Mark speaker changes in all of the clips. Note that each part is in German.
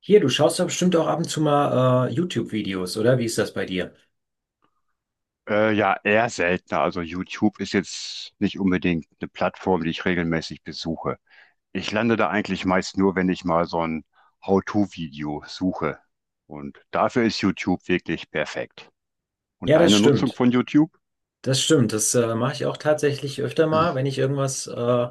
Speaker 1: Hier, du schaust doch bestimmt auch ab und zu mal YouTube-Videos, oder? Wie ist das bei dir?
Speaker 2: Ja, eher seltener. Also YouTube ist jetzt nicht unbedingt eine Plattform, die ich regelmäßig besuche. Ich lande da eigentlich meist nur, wenn ich mal so ein How-to-Video suche. Und dafür ist YouTube wirklich perfekt. Und
Speaker 1: Ja, das
Speaker 2: deine Nutzung
Speaker 1: stimmt.
Speaker 2: von YouTube?
Speaker 1: Das stimmt. Das mache ich auch tatsächlich öfter mal, wenn ich irgendwas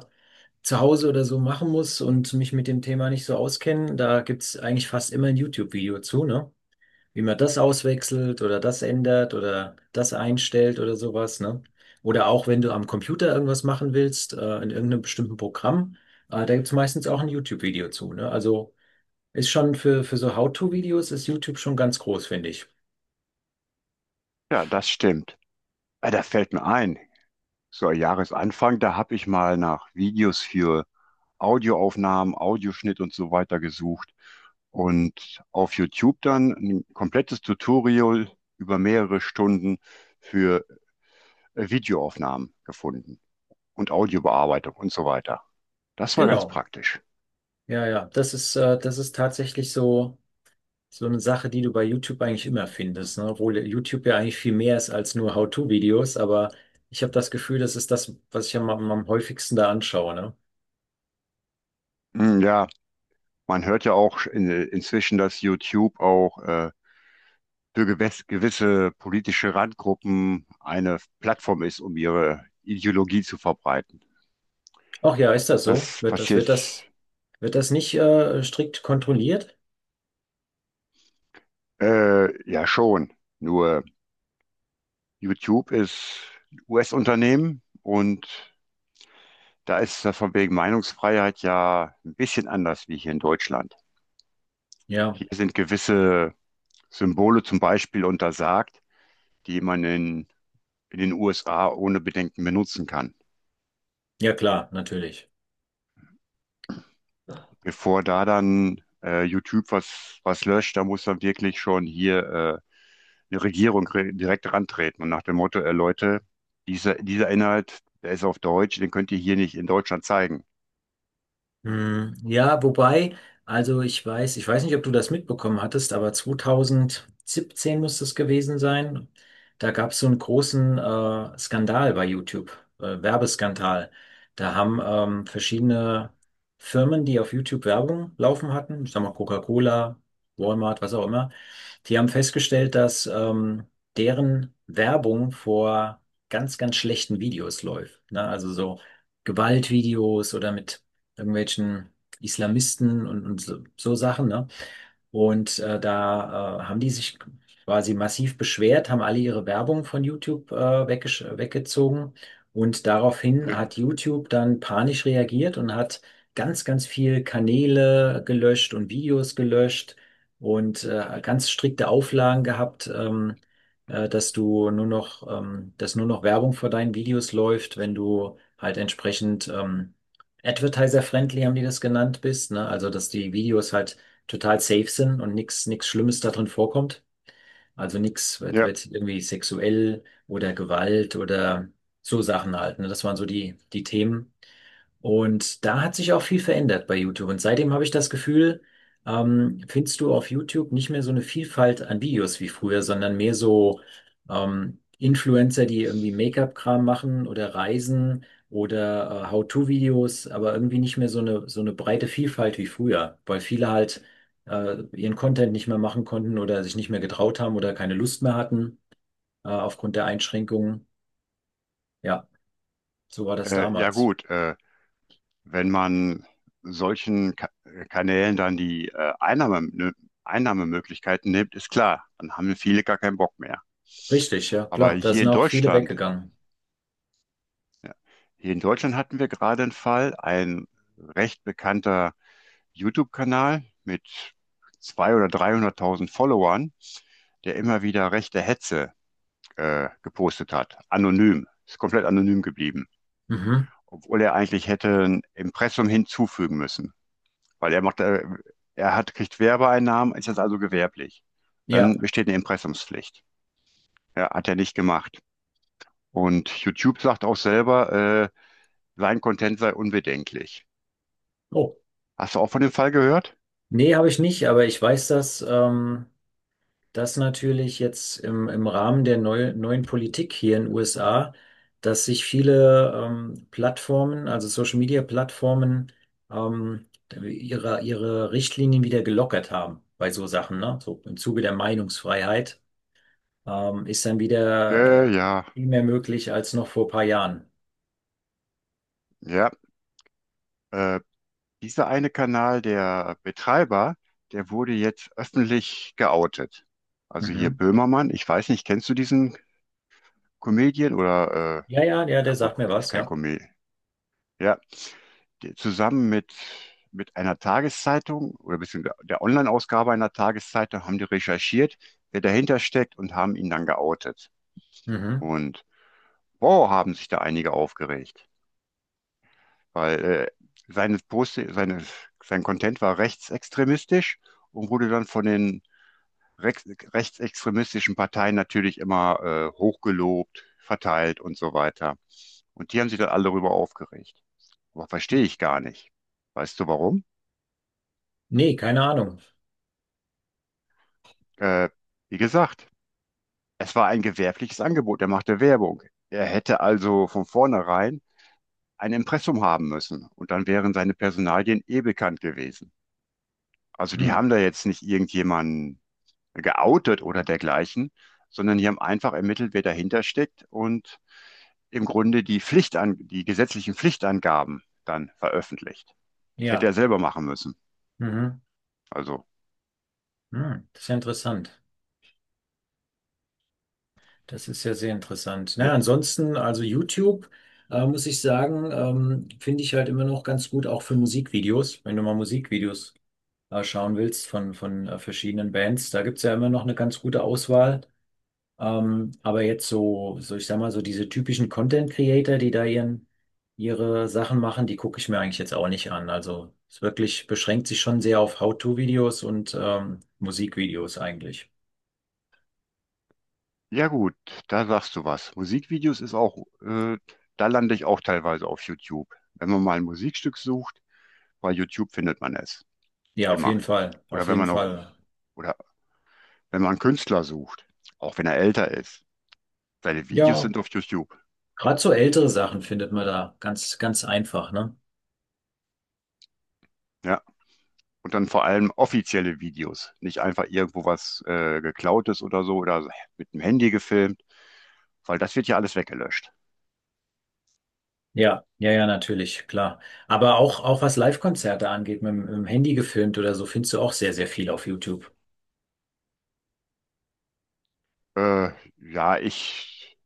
Speaker 1: zu Hause oder so machen muss und mich mit dem Thema nicht so auskenne. Da gibt es eigentlich fast immer ein YouTube-Video zu, ne? Wie man das auswechselt oder das ändert oder das einstellt oder sowas, ne? Oder auch wenn du am Computer irgendwas machen willst, in irgendeinem bestimmten Programm, da gibt es meistens auch ein YouTube-Video zu, ne? Also. Ist schon für so How-to-Videos ist YouTube schon ganz groß, finde ich.
Speaker 2: Ja, das stimmt. Ah, da fällt mir ein, so Jahresanfang, da habe ich mal nach Videos für Audioaufnahmen, Audioschnitt und so weiter gesucht und auf YouTube dann ein komplettes Tutorial über mehrere Stunden für Videoaufnahmen gefunden und Audiobearbeitung und so weiter. Das war ganz
Speaker 1: Genau.
Speaker 2: praktisch.
Speaker 1: Ja, ja. Das ist tatsächlich so, so eine Sache, die du bei YouTube eigentlich immer findest, ne? Obwohl YouTube ja eigentlich viel mehr ist als nur How-to-Videos, aber ich habe das Gefühl, das ist das, was ich am häufigsten da anschaue, ne?
Speaker 2: Hm, ja, man hört ja auch inzwischen, dass YouTube auch für gewisse politische Randgruppen eine Plattform ist, um ihre Ideologie zu verbreiten.
Speaker 1: Ach ja, ist das so?
Speaker 2: Das
Speaker 1: Wird das,
Speaker 2: passiert
Speaker 1: wird das, wird das nicht, strikt kontrolliert?
Speaker 2: ja schon. Nur YouTube ist ein US-Unternehmen, und da ist das von wegen Meinungsfreiheit ja ein bisschen anders wie hier in Deutschland.
Speaker 1: Ja.
Speaker 2: Hier sind gewisse Symbole zum Beispiel untersagt, die man in den USA ohne Bedenken benutzen kann.
Speaker 1: Ja, klar, natürlich.
Speaker 2: Bevor da dann YouTube was löscht, da muss dann wirklich schon hier eine Regierung re direkt rantreten und nach dem Motto: Leute, dieser Inhalt, der ist auf Deutsch, den könnt ihr hier nicht in Deutschland zeigen.
Speaker 1: Hm, ja, wobei, ich weiß nicht, ob du das mitbekommen hattest, aber 2017 muss es gewesen sein. Da gab es so einen großen Skandal bei YouTube, Werbeskandal. Da haben verschiedene Firmen, die auf YouTube Werbung laufen hatten, ich sag mal Coca-Cola, Walmart, was auch immer, die haben festgestellt, dass deren Werbung vor ganz, ganz schlechten Videos läuft. Ne? Also so Gewaltvideos oder mit irgendwelchen Islamisten und so, so Sachen, ne? Und da haben die sich quasi massiv beschwert, haben alle ihre Werbung von YouTube weggezogen. Und daraufhin
Speaker 2: Ja,
Speaker 1: hat YouTube dann panisch reagiert und hat ganz, ganz viel Kanäle gelöscht und Videos gelöscht und ganz strikte Auflagen gehabt, dass du nur noch, dass nur noch Werbung vor deinen Videos läuft, wenn du halt entsprechend Advertiser-friendly haben die das genannt bist, ne? Also, dass die Videos halt total safe sind und nichts Schlimmes da drin vorkommt. Also nichts wird,
Speaker 2: ja,
Speaker 1: wird irgendwie sexuell oder Gewalt oder so Sachen halt, ne? Das waren so die Themen. Und da hat sich auch viel verändert bei YouTube. Und seitdem habe ich das Gefühl, findest du auf YouTube nicht mehr so eine Vielfalt an Videos wie früher, sondern mehr so Influencer, die irgendwie Make-up-Kram machen oder Reisen oder How-to-Videos, aber irgendwie nicht mehr so eine breite Vielfalt wie früher, weil viele halt ihren Content nicht mehr machen konnten oder sich nicht mehr getraut haben oder keine Lust mehr hatten aufgrund der Einschränkungen. Ja, so war das
Speaker 2: ja
Speaker 1: damals.
Speaker 2: gut. Wenn man solchen Ka Kanälen dann die ne, Einnahmemöglichkeiten nimmt, ist klar, dann haben ja viele gar keinen Bock mehr.
Speaker 1: Richtig, ja,
Speaker 2: Aber
Speaker 1: klar. Da
Speaker 2: hier
Speaker 1: sind
Speaker 2: in
Speaker 1: auch viele
Speaker 2: Deutschland,
Speaker 1: weggegangen.
Speaker 2: ja, hier in Deutschland hatten wir gerade einen Fall, ein recht bekannter YouTube-Kanal mit 200.000 oder 300.000 Followern, der immer wieder rechte Hetze gepostet hat, anonym, ist komplett anonym geblieben,
Speaker 1: Mhm.
Speaker 2: obwohl er eigentlich hätte ein Impressum hinzufügen müssen. Weil kriegt Werbeeinnahmen, ist jetzt also gewerblich.
Speaker 1: Ja.
Speaker 2: Dann besteht eine Impressumspflicht. Ja, hat er nicht gemacht. Und YouTube sagt auch selber, äh, sein Content sei unbedenklich.
Speaker 1: Oh.
Speaker 2: Hast du auch von dem Fall gehört?
Speaker 1: Nee, habe ich nicht, aber ich weiß, dass das natürlich jetzt im Rahmen der neuen Politik hier in den USA, dass sich viele Plattformen, also Social Media Plattformen, ähm, ihre Richtlinien wieder gelockert haben bei so Sachen, ne? So im Zuge der Meinungsfreiheit ist dann wieder
Speaker 2: Ja,
Speaker 1: viel mehr möglich als noch vor ein paar Jahren.
Speaker 2: ja. Äh, Dieser eine Kanal, der Betreiber, der wurde jetzt öffentlich geoutet. Also hier
Speaker 1: Mhm.
Speaker 2: Böhmermann, ich weiß nicht, kennst du diesen Comedian oder,
Speaker 1: Ja, ja, ja,
Speaker 2: ja
Speaker 1: der
Speaker 2: gut,
Speaker 1: sagt mir
Speaker 2: Ist
Speaker 1: was,
Speaker 2: kein
Speaker 1: ja.
Speaker 2: Comedian. Ja, der, zusammen mit, einer Tageszeitung oder beziehungsweise der Online-Ausgabe einer Tageszeitung, haben die recherchiert, wer dahinter steckt, und haben ihn dann geoutet.
Speaker 1: Mhm.
Speaker 2: Und boah, haben sich da einige aufgeregt. Weil seine Post, seine, sein Content war rechtsextremistisch und wurde dann von den rex- rechtsextremistischen Parteien natürlich immer hochgelobt, verteilt und so weiter. Und die haben sich dann alle darüber aufgeregt. Aber verstehe ich gar nicht. Weißt du warum?
Speaker 1: Nee, keine Ahnung.
Speaker 2: Äh, Wie gesagt, es war ein gewerbliches Angebot. Er machte Werbung. Er hätte also von vornherein ein Impressum haben müssen. Und dann wären seine Personalien eh bekannt gewesen. Also, die
Speaker 1: Hm.
Speaker 2: haben da jetzt nicht irgendjemanden geoutet oder dergleichen, sondern die haben einfach ermittelt, wer dahinter steckt, und im Grunde die Pflichtan die gesetzlichen Pflichtangaben dann veröffentlicht. Das hätte
Speaker 1: Ja.
Speaker 2: er selber machen müssen.
Speaker 1: Mhm.
Speaker 2: Also,
Speaker 1: Hm, das ist ja interessant. Das ist ja sehr interessant. Na,
Speaker 2: ja,
Speaker 1: ansonsten, also YouTube, muss ich sagen, finde ich halt immer noch ganz gut, auch für Musikvideos. Wenn du mal Musikvideos schauen willst von verschiedenen Bands, da gibt's ja immer noch eine ganz gute Auswahl. Aber jetzt ich sag mal, so diese typischen Content Creator, ihre Sachen machen, die gucke ich mir eigentlich jetzt auch nicht an. Also es wirklich beschränkt sich schon sehr auf How-to-Videos und Musikvideos eigentlich.
Speaker 2: ja gut, da sagst du was. Musikvideos ist auch, äh, da lande ich auch teilweise auf YouTube. Wenn man mal ein Musikstück sucht, bei YouTube findet man es
Speaker 1: Ja, auf
Speaker 2: immer.
Speaker 1: jeden Fall,
Speaker 2: Oder
Speaker 1: auf
Speaker 2: wenn
Speaker 1: jeden
Speaker 2: man auch,
Speaker 1: Fall.
Speaker 2: oder wenn man einen Künstler sucht, auch wenn er älter ist. Seine Videos
Speaker 1: Ja,
Speaker 2: sind auf YouTube.
Speaker 1: gerade so ältere Sachen findet man da ganz, ganz einfach, ne?
Speaker 2: Ja. Und dann vor allem offizielle Videos, nicht einfach irgendwo was geklautes oder so oder mit dem Handy gefilmt, weil das wird ja alles weggelöscht.
Speaker 1: Ja, ja, ja, natürlich, klar. Aber auch was Live-Konzerte angeht, mit dem Handy gefilmt oder so, findest du auch sehr, sehr viel auf YouTube.
Speaker 2: Äh, ja,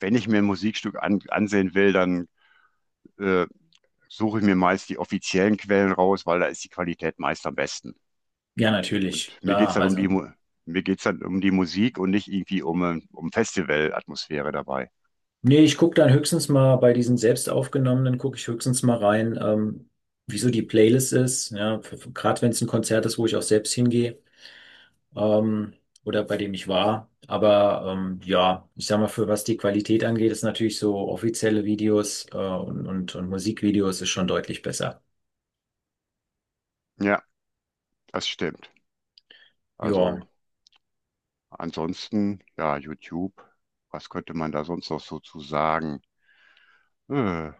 Speaker 2: wenn ich mir ein Musikstück ansehen will, dann äh, suche ich mir meist die offiziellen Quellen raus, weil da ist die Qualität meist am besten.
Speaker 1: Ja, natürlich,
Speaker 2: Und
Speaker 1: klar, also.
Speaker 2: Mir geht's dann um die Musik und nicht irgendwie um Festivalatmosphäre dabei.
Speaker 1: Nee, ich gucke dann höchstens mal bei diesen selbst aufgenommenen, gucke ich höchstens mal rein, wieso die Playlist ist, ja, gerade wenn es ein Konzert ist, wo ich auch selbst hingehe. Ähm, oder bei dem ich war. Aber ja, ich sag mal, für was die Qualität angeht, ist natürlich so offizielle Videos und Musikvideos ist schon deutlich besser.
Speaker 2: Ja, das stimmt.
Speaker 1: Ja.
Speaker 2: Also ansonsten, ja, YouTube, was könnte man da sonst noch so zu sagen? Äh,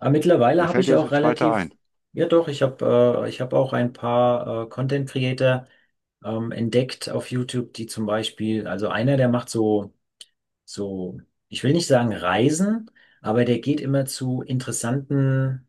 Speaker 1: Aber mittlerweile
Speaker 2: Mir
Speaker 1: habe
Speaker 2: fällt
Speaker 1: ich
Speaker 2: jetzt
Speaker 1: auch
Speaker 2: nichts weiter
Speaker 1: relativ,
Speaker 2: ein.
Speaker 1: ja doch, ich habe auch ein paar Content Creator entdeckt auf YouTube, die zum Beispiel, also einer, der macht so, ich will nicht sagen Reisen, aber der geht immer zu interessanten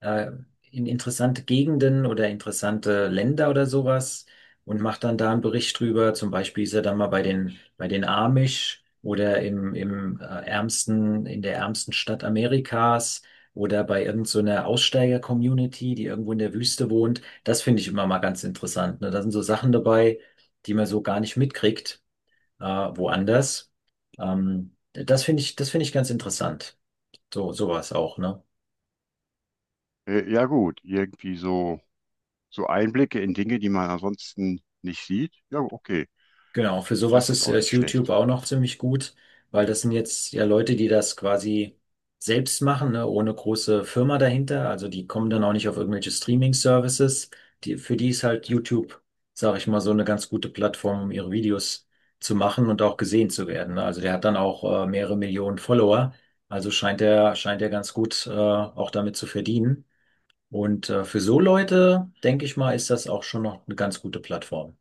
Speaker 1: äh, in interessante Gegenden oder interessante Länder oder sowas und macht dann da einen Bericht drüber. Zum Beispiel ist er dann mal bei den Amish oder in der ärmsten Stadt Amerikas oder bei irgendeiner so Aussteiger-Community, die irgendwo in der Wüste wohnt. Das finde ich immer mal ganz interessant. Ne? Da sind so Sachen dabei, die man so gar nicht mitkriegt, woanders. Das finde ich ganz interessant. So, sowas auch, ne?
Speaker 2: Ja gut, irgendwie so, Einblicke in Dinge, die man ansonsten nicht sieht. Ja, okay,
Speaker 1: Genau, für sowas
Speaker 2: das ist auch
Speaker 1: ist
Speaker 2: nicht
Speaker 1: YouTube
Speaker 2: schlecht.
Speaker 1: auch noch ziemlich gut, weil das sind jetzt ja Leute, die das quasi selbst machen, ne, ohne große Firma dahinter. Also die kommen dann auch nicht auf irgendwelche Streaming-Services. Die, für die ist halt YouTube, sage ich mal, so eine ganz gute Plattform, um ihre Videos zu machen und auch gesehen zu werden. Ne? Also der hat dann auch mehrere Millionen Follower. Also scheint er ganz gut auch damit zu verdienen. Und für so Leute, denke ich mal, ist das auch schon noch eine ganz gute Plattform.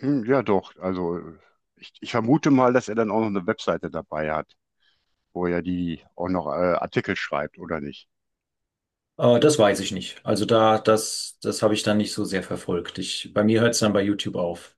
Speaker 2: Hm, ja doch, also ich vermute mal, dass er dann auch noch eine Webseite dabei hat, wo er die auch noch Artikel schreibt, oder nicht?
Speaker 1: Das weiß ich nicht. Also das habe ich dann nicht so sehr verfolgt. Ich, bei mir hört es dann bei YouTube auf.